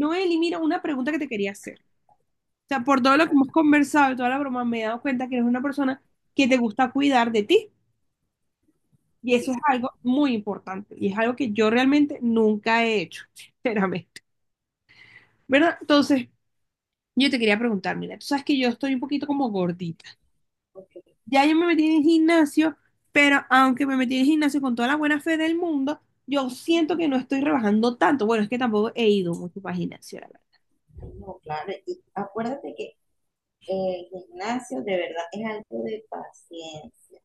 Noeli, mira, una pregunta que te quería hacer. O sea, por todo lo que Ajá, hemos conversado y toda la broma, me he dado cuenta que eres una persona que te gusta cuidar de ti. Y eso es sí, sí. algo muy importante. Y es algo que yo realmente nunca he hecho, sinceramente. ¿Verdad? Entonces, yo te quería preguntar, mira, tú sabes que yo estoy un poquito como gordita. Ok, Ya yo me metí en el gimnasio, pero aunque me metí en el gimnasio con toda la buena fe del mundo, yo siento que no estoy rebajando tanto. Bueno, es que tampoco he ido mucho para el gimnasio. no, claro. Y acuérdate que el gimnasio de verdad es algo de paciencia.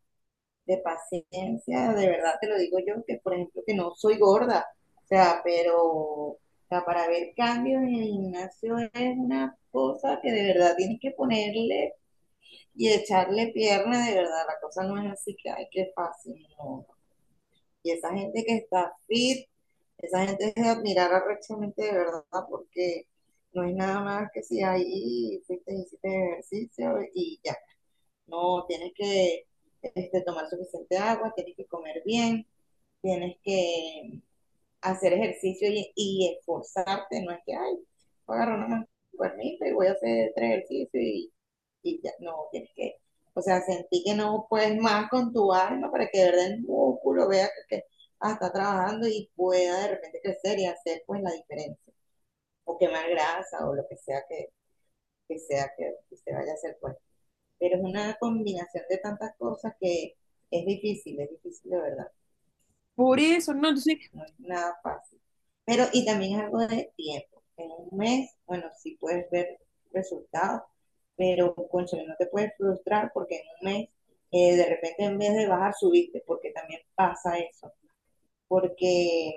De paciencia, de verdad te lo digo yo, que por ejemplo que no soy gorda. O sea, para ver cambios en el gimnasio es una cosa que de verdad tienes que ponerle y echarle pierna, de verdad. La cosa no es así que, ay, qué fácil, no. Y esa gente que está fit, esa gente es de admirar arrechamente de verdad, porque no es nada más que si ahí fuiste y hiciste ejercicio y ya. No, tienes que tomar suficiente agua, tienes que comer bien, tienes que hacer ejercicio y esforzarte, no es que, ay, voy a agarrar una cuernita y voy a hacer tres ejercicios y ya, no, tienes que, o sea, sentí que no puedes más con tu alma para que de verdad el músculo vea que está trabajando y pueda de repente crecer y hacer pues la diferencia, o quemar grasa o lo que sea que se vaya a hacer pues. Pero es una combinación de tantas cosas que es difícil de verdad. Por eso, no, entonces, No es nada fácil. Pero, y también es algo de tiempo. En un mes, bueno, sí puedes ver resultados, pero, cónchale, no te puedes frustrar porque en un mes, de repente en vez de bajar, subiste, porque también pasa eso. Porque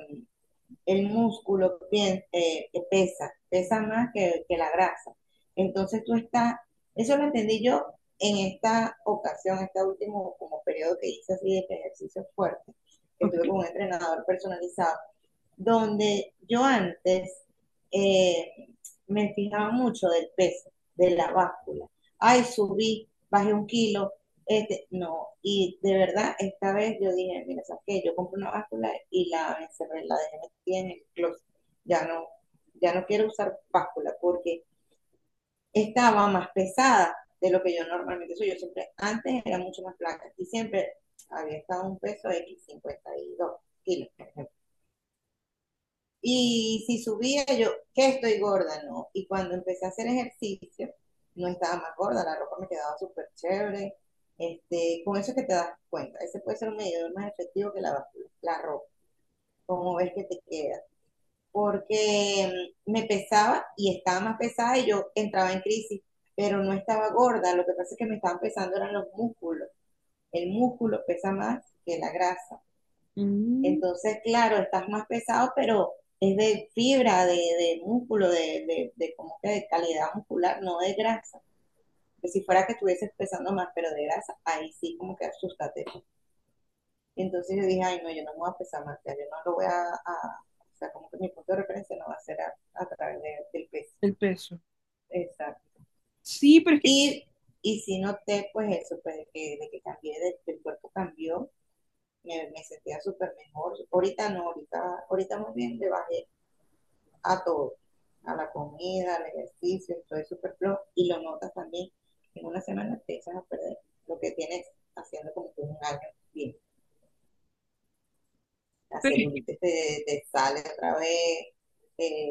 el músculo pesa más que la grasa. Entonces tú estás, eso lo entendí yo en esta ocasión, este último como periodo que hice así de ejercicio fuerte, que ok, estuve con un entrenador personalizado, donde yo antes, eh, me fijaba mucho del peso, de la báscula. Ay, subí, bajé un kilo, no. Y de verdad, esta vez yo dije, mira, ¿sabes qué? Yo compré una báscula y la encerré, la dejé metida en el closet. Ya no, ya no quiero usar báscula porque estaba más pesada de lo que yo normalmente soy. Yo siempre, antes era mucho más flaca y siempre había estado un peso X52 kilos, por ejemplo. Y si subía yo, que estoy gorda, no. Y cuando empecé a hacer ejercicio, no estaba más gorda, la ropa me quedaba súper chévere. Con eso es que te das cuenta. Ese puede ser un medidor más efectivo que la ropa, como ves que te queda. Porque me pesaba y estaba más pesada y yo entraba en crisis, pero no estaba gorda. Lo que pasa es que me estaban pesando eran los músculos. El músculo pesa más que la grasa. mm, Entonces, claro, estás más pesado, pero es de fibra, de músculo, de como que de calidad muscular, no de grasa. Que si fuera que estuvieses pesando más, pero de grasa, ahí sí como que asústate. Entonces yo dije, ay, no, yo no me voy a pesar más, ya yo no lo voy o sea, como que mi punto de referencia no va a ser a través del peso. el peso. Exacto. Sí, pero es que, Y, y sí noté, pues eso, pues de que cambié, de el cuerpo cambió, me sentía súper mejor. Ahorita no, ahorita muy bien, le bajé a todo, a la comida, al ejercicio, todo es superfluo y lo notas también, en una semana te echas a perder lo que tienes haciendo como que un año bien. La pero es- celulitis te sale otra vez, eh,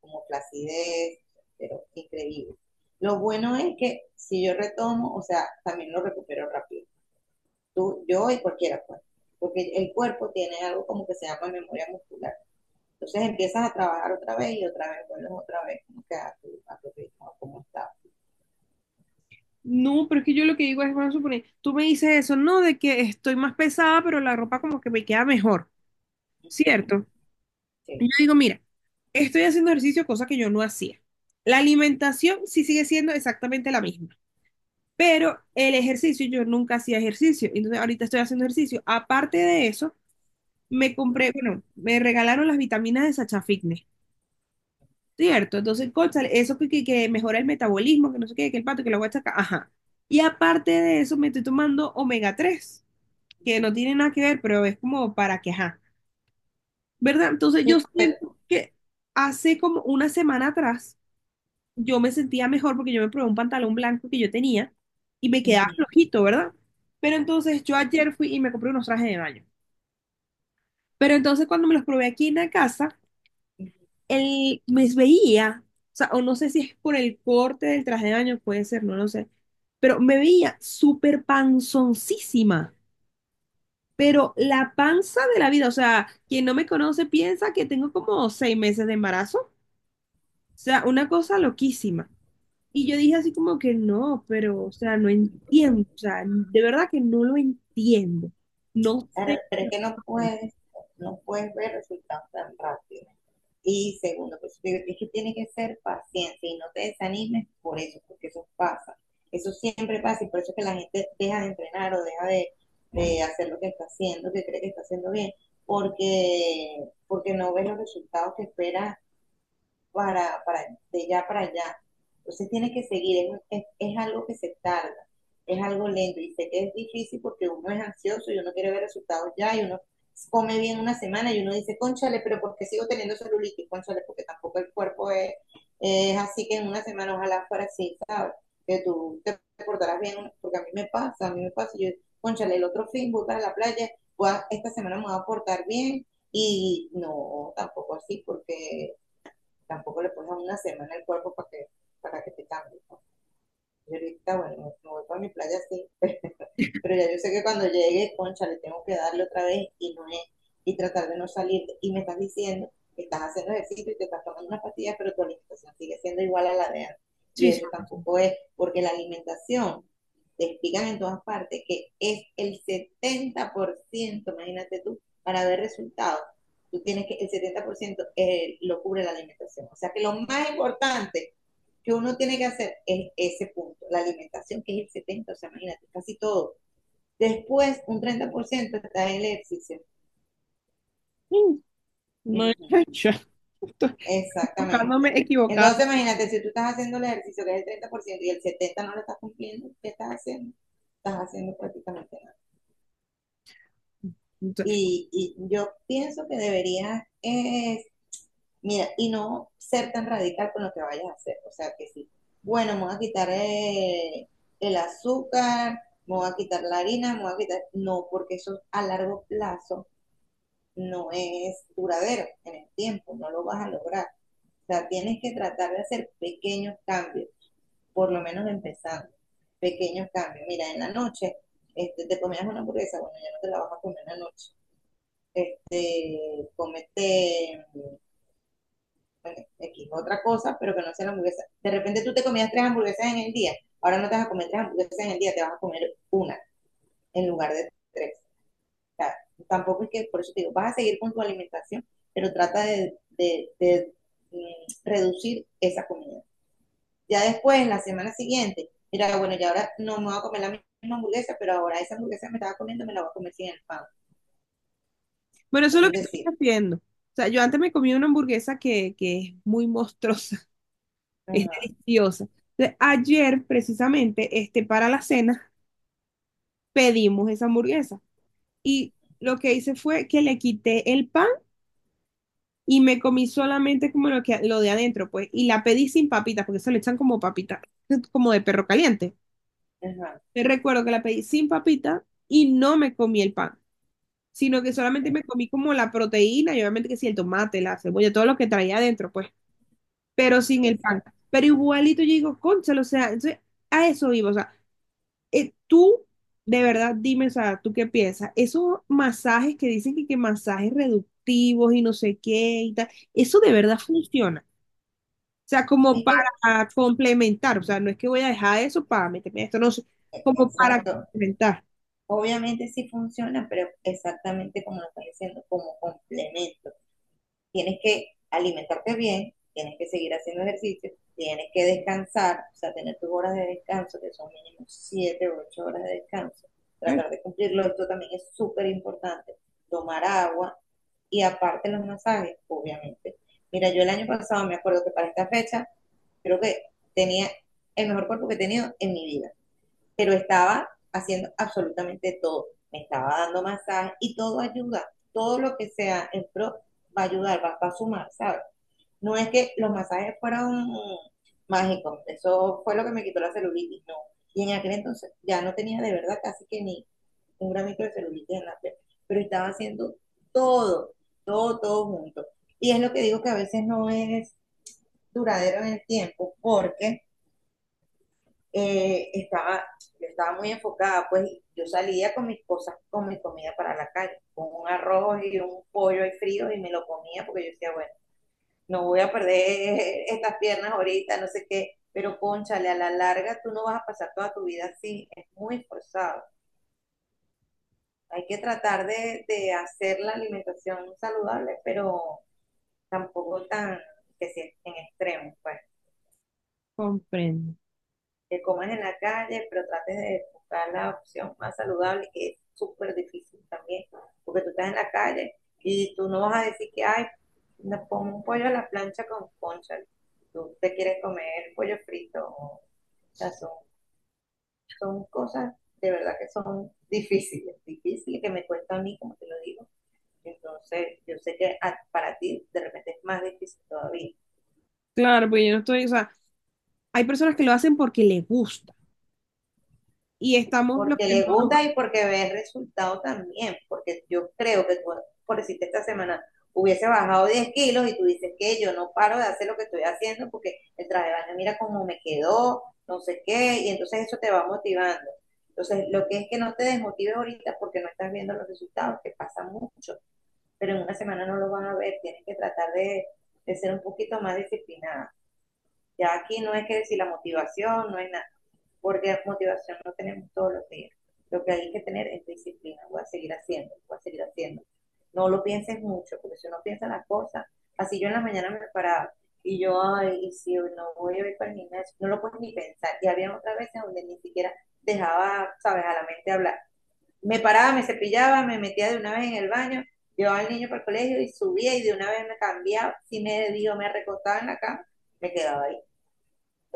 como flacidez pero increíble. Lo bueno es que si yo retomo, o sea, también lo recupero rápido. Tú, yo y cualquiera, pues. Porque el cuerpo tiene algo como que se llama memoria muscular. Entonces empiezas a trabajar otra vez y otra vez vuelves otra vez como que a tu, ritmo, a cómo estás. no, pero es que yo lo que digo es, vamos a suponer, tú me dices eso, no, de que estoy más pesada, pero la ropa como que me queda mejor, ¿cierto? Y Sí, yo digo, mira, estoy haciendo ejercicio, cosa que yo no hacía. La alimentación sí sigue siendo exactamente la misma. Pero el ejercicio, yo nunca hacía ejercicio, entonces ahorita estoy haciendo ejercicio. Aparte de eso, me compré, bueno, me regalaron las vitaminas de Sacha Fitness, ¿cierto? Entonces, cónchale, eso que mejora el metabolismo, que no sé qué, que el pato, que lo voy a sacar, ajá. Y aparte de eso, me estoy tomando omega 3 que no tiene nada que ver, pero es como para que, ajá, ¿verdad? Entonces yo sí, pero siento que hace como una semana atrás, yo me sentía mejor porque yo me probé un pantalón blanco que yo tenía y me quedaba ujú. flojito, ¿verdad? Pero entonces yo ayer fui y me compré unos trajes de baño. Pero entonces cuando me los probé aquí en la casa, él me veía, o sea, o no sé si es por el corte del traje de baño, puede ser, no lo sé, pero me veía súper panzoncísima. Pero la panza de la vida, o sea, quien no me conoce piensa que tengo como 6 meses de embarazo. O sea, una cosa loquísima. Y yo dije así como que no, pero, o sea, no entiendo, o sea, de verdad que no lo entiendo. No pero, sé qué pero es que no pasa ahí. puedes, no puedes ver resultados tan rápido. Y segundo, pues es que tienes que ser paciente y no te desanimes por eso, porque eso pasa. Eso siempre pasa y por eso es que la gente deja de entrenar o deja de hacer lo que está haciendo, que cree que está haciendo bien, porque no ves los resultados que esperas para, para, de ya para allá. Entonces tiene que seguir, es algo que se tarda, es algo lento y sé que es difícil porque uno es ansioso y uno quiere ver resultados ya y uno come bien una semana y uno dice, cónchale, pero ¿por qué sigo teniendo celulitis? Cónchale, porque tampoco el cuerpo es así, que en una semana ojalá fuera así, ¿sabes? Que tú te portarás bien, porque a mí me pasa, a mí me pasa, yo, cónchale, el otro fin voy para la playa, esta semana me voy a portar bien y no, tampoco así, porque tampoco le pones una semana el cuerpo para que te cambie. ¿No? Y ahorita, bueno, me voy para mi playa así, pero ya yo sé que cuando llegue, concha, le tengo que darle otra vez y no es, y tratar de no salir. Y me estás diciendo que estás haciendo ejercicio y te estás tomando unas pastillas, pero tu alimentación sigue siendo igual a la de antes. Y Sí, sí. eso tampoco es, porque la alimentación, te explican en todas partes que es el 70%, imagínate tú, para ver resultados, tú tienes que, el 70% lo cubre la alimentación. O sea que lo más importante que uno tiene que hacer es ese punto, la alimentación, que es el 70%, o sea, imagínate, casi todo. Después, un 30% está el ejercicio. Sí. No, Ujú. yo estoy Exactamente. Equivocada. Entonces, imagínate, si tú estás haciendo el ejercicio que es el 30% y el 70% no lo estás cumpliendo, ¿qué estás haciendo? Estás haciendo prácticamente nada. Entonces, Y yo pienso que deberías, mira, y no ser tan radical con lo que vayas a hacer. O sea, que sí, bueno, me voy a quitar, el azúcar, me voy a quitar la harina, me voy a quitar... No, porque eso a largo plazo no es duradero en el tiempo, no lo vas a lograr. O sea, tienes que tratar de hacer pequeños cambios, por lo menos empezando, pequeños cambios. Mira, en la noche, te comías una hamburguesa, bueno, ya no te la vas a comer en la noche. Comete, bueno, X, otra cosa, pero que no sea la hamburguesa. De repente tú te comías tres hamburguesas en el día, ahora no te vas a comer tres hamburguesas en el día, te vas a comer una en lugar de tres. Sea, tampoco es que, por eso te digo, vas a seguir con tu alimentación, pero trata de reducir esa comida. Ya después, en la semana siguiente, mira, bueno, ya ahora no me voy a comer la misma hamburguesa, pero ahora esa hamburguesa me estaba comiendo, me la voy a comer sin el pan. bueno, eso Es es lo un que decir. estoy haciendo. O sea, yo antes me comí una hamburguesa que es muy monstruosa, es Ajá, deliciosa. Entonces, ayer, precisamente, este, para la cena, pedimos esa hamburguesa. Y lo que hice fue que le quité el pan y me comí solamente como lo que lo de adentro, pues, y la pedí sin papitas, porque se le echan como papitas, como de perro caliente. ajá, Te recuerdo que la pedí sin papita y no me comí el pan, sino que solamente okay, me comí como la proteína y obviamente que sí, el tomate, la cebolla, todo lo que traía adentro, pues, pero sin el pan. exacto. Pero igualito yo digo, cónchale, o sea, entonces, a eso vivo, o sea, tú, de verdad, dime, o sea, ¿tú qué piensas? Esos masajes que dicen que masajes reductivos y no sé qué y tal, ¿eso de verdad funciona? O sea, como Es que, para complementar, o sea, no es que voy a dejar eso para meterme a esto, no, sé, como para exacto, complementar. obviamente sí funciona, pero exactamente como lo estás diciendo, como complemento. Tienes que alimentarte bien, tienes que seguir haciendo ejercicio, tienes que descansar, o sea, tener tus horas de descanso, que son mínimo 7 o 8 horas de descanso, ¿Sabes? tratar de cumplirlo, esto también es súper importante, tomar agua y aparte los masajes, obviamente. Mira, yo el año pasado me acuerdo que para esta fecha creo que tenía el mejor cuerpo que he tenido en mi vida, pero estaba haciendo absolutamente todo. Me estaba dando masajes y todo ayuda. Todo lo que sea en pro va a ayudar, va, va a sumar, ¿sabes? No es que los masajes fueron mágicos. Eso fue lo que me quitó la celulitis, no. Y en aquel entonces ya no tenía de verdad casi que ni un gramito de celulitis en la piel, pero estaba haciendo todo, todo, todo junto. Y es lo que digo que a veces no es duradero en el tiempo, porque eh, estaba, yo estaba muy enfocada, pues yo salía con mis cosas, con mi comida para la calle, con un arroz y un pollo ahí frío y me lo comía porque yo decía, bueno, no voy a perder estas piernas ahorita, no sé qué, pero cónchale, a la larga tú no vas a pasar toda tu vida así, es muy forzado. Hay que tratar de hacer la alimentación saludable, pero tampoco tan que si en extremo, pues. Comprendo. Que comas en la calle, pero trates de buscar la opción más saludable, que es súper difícil también, porque tú estás en la calle y tú no vas a decir que, ay, me pongo un pollo a la plancha con concha, tú te quieres comer pollo frito, o sea, son, son cosas de verdad que son difíciles, difíciles, que me cuesta a mí, como te lo digo. Entonces, yo sé que para ti de repente es más difícil todavía. Claro, pues yo no estoy, o sea, hay personas que lo hacen porque les gusta y estamos los Porque que no. le gusta y porque ve el resultado también, porque yo creo que tú, por decirte esta semana, hubiese bajado 10 kilos y tú dices que yo no paro de hacer lo que estoy haciendo porque el traje de baño mira cómo me quedó, no sé qué, y entonces eso te va motivando. Entonces, lo que es que no te desmotives ahorita porque no estás viendo los resultados, que pasa mucho, pero en una semana no lo van a ver, tienes que tratar de ser un poquito más disciplinada. Ya aquí no es que decir la motivación, no es nada, porque motivación no tenemos todos los días. Lo que hay que tener es disciplina, voy a seguir haciendo, voy a seguir haciendo. No lo pienses mucho, porque si uno piensa las cosas, así yo en la mañana me paraba y yo, ay, y si no voy a ir para el gimnasio, no lo puedes ni pensar. Y había otras veces donde ni siquiera dejaba, sabes, a la mente hablar. Me paraba, me cepillaba, me metía de una vez en el baño, llevaba al niño para el colegio y subía y de una vez me cambiaba, si me dio, me recostaba en la cama, me quedaba ahí,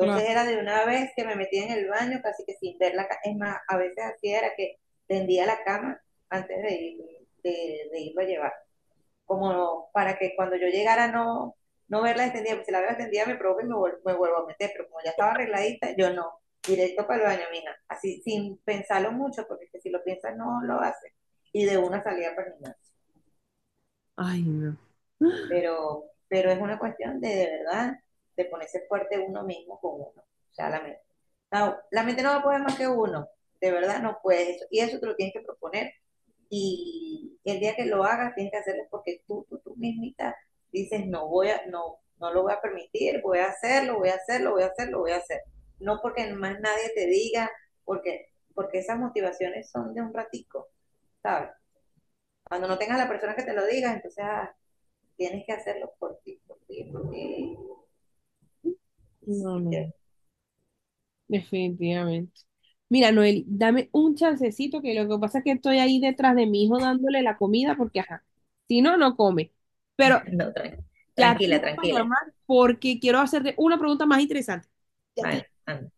Claro. era de una vez que me metía en el baño, casi que sin ver la cama. Es más, a veces así era que tendía la cama antes de ir, de irlo a llevar. Como para que cuando yo llegara no, no verla extendida, porque si la veo extendida me provoca y me, vuelvo a meter, pero como ya estaba arregladita, yo no, directo para el baño, mija, así sin pensarlo mucho, porque es que si lo piensas no lo haces, y de una salida para el gimnasio. Ay, no. Pero es una cuestión de verdad, de ponerse fuerte uno mismo con uno, o sea, la mente. No, la mente no va a poder más que uno, de verdad no puedes eso, y eso te lo tienes que proponer, y el día que lo hagas tienes que hacerlo porque tú mismita dices, no voy a, no, no lo voy a permitir, voy a hacerlo, voy a hacerlo, voy a hacerlo, voy a hacer. No porque más nadie te diga, porque, porque esas motivaciones son de un ratico, ¿sabes? Cuando no tengas a la persona que te lo diga, entonces, ah, tienes que hacerlo por ti, porque... No, no, definitivamente. Mira, Noel, dame un chancecito, que lo que pasa es que estoy ahí detrás de mi hijo dándole la comida porque, ajá, si no, no come. Pero No, ya te voy tranquila, a tranquila. llamar porque quiero hacerte una pregunta más interesante. Ya te Vale, anda.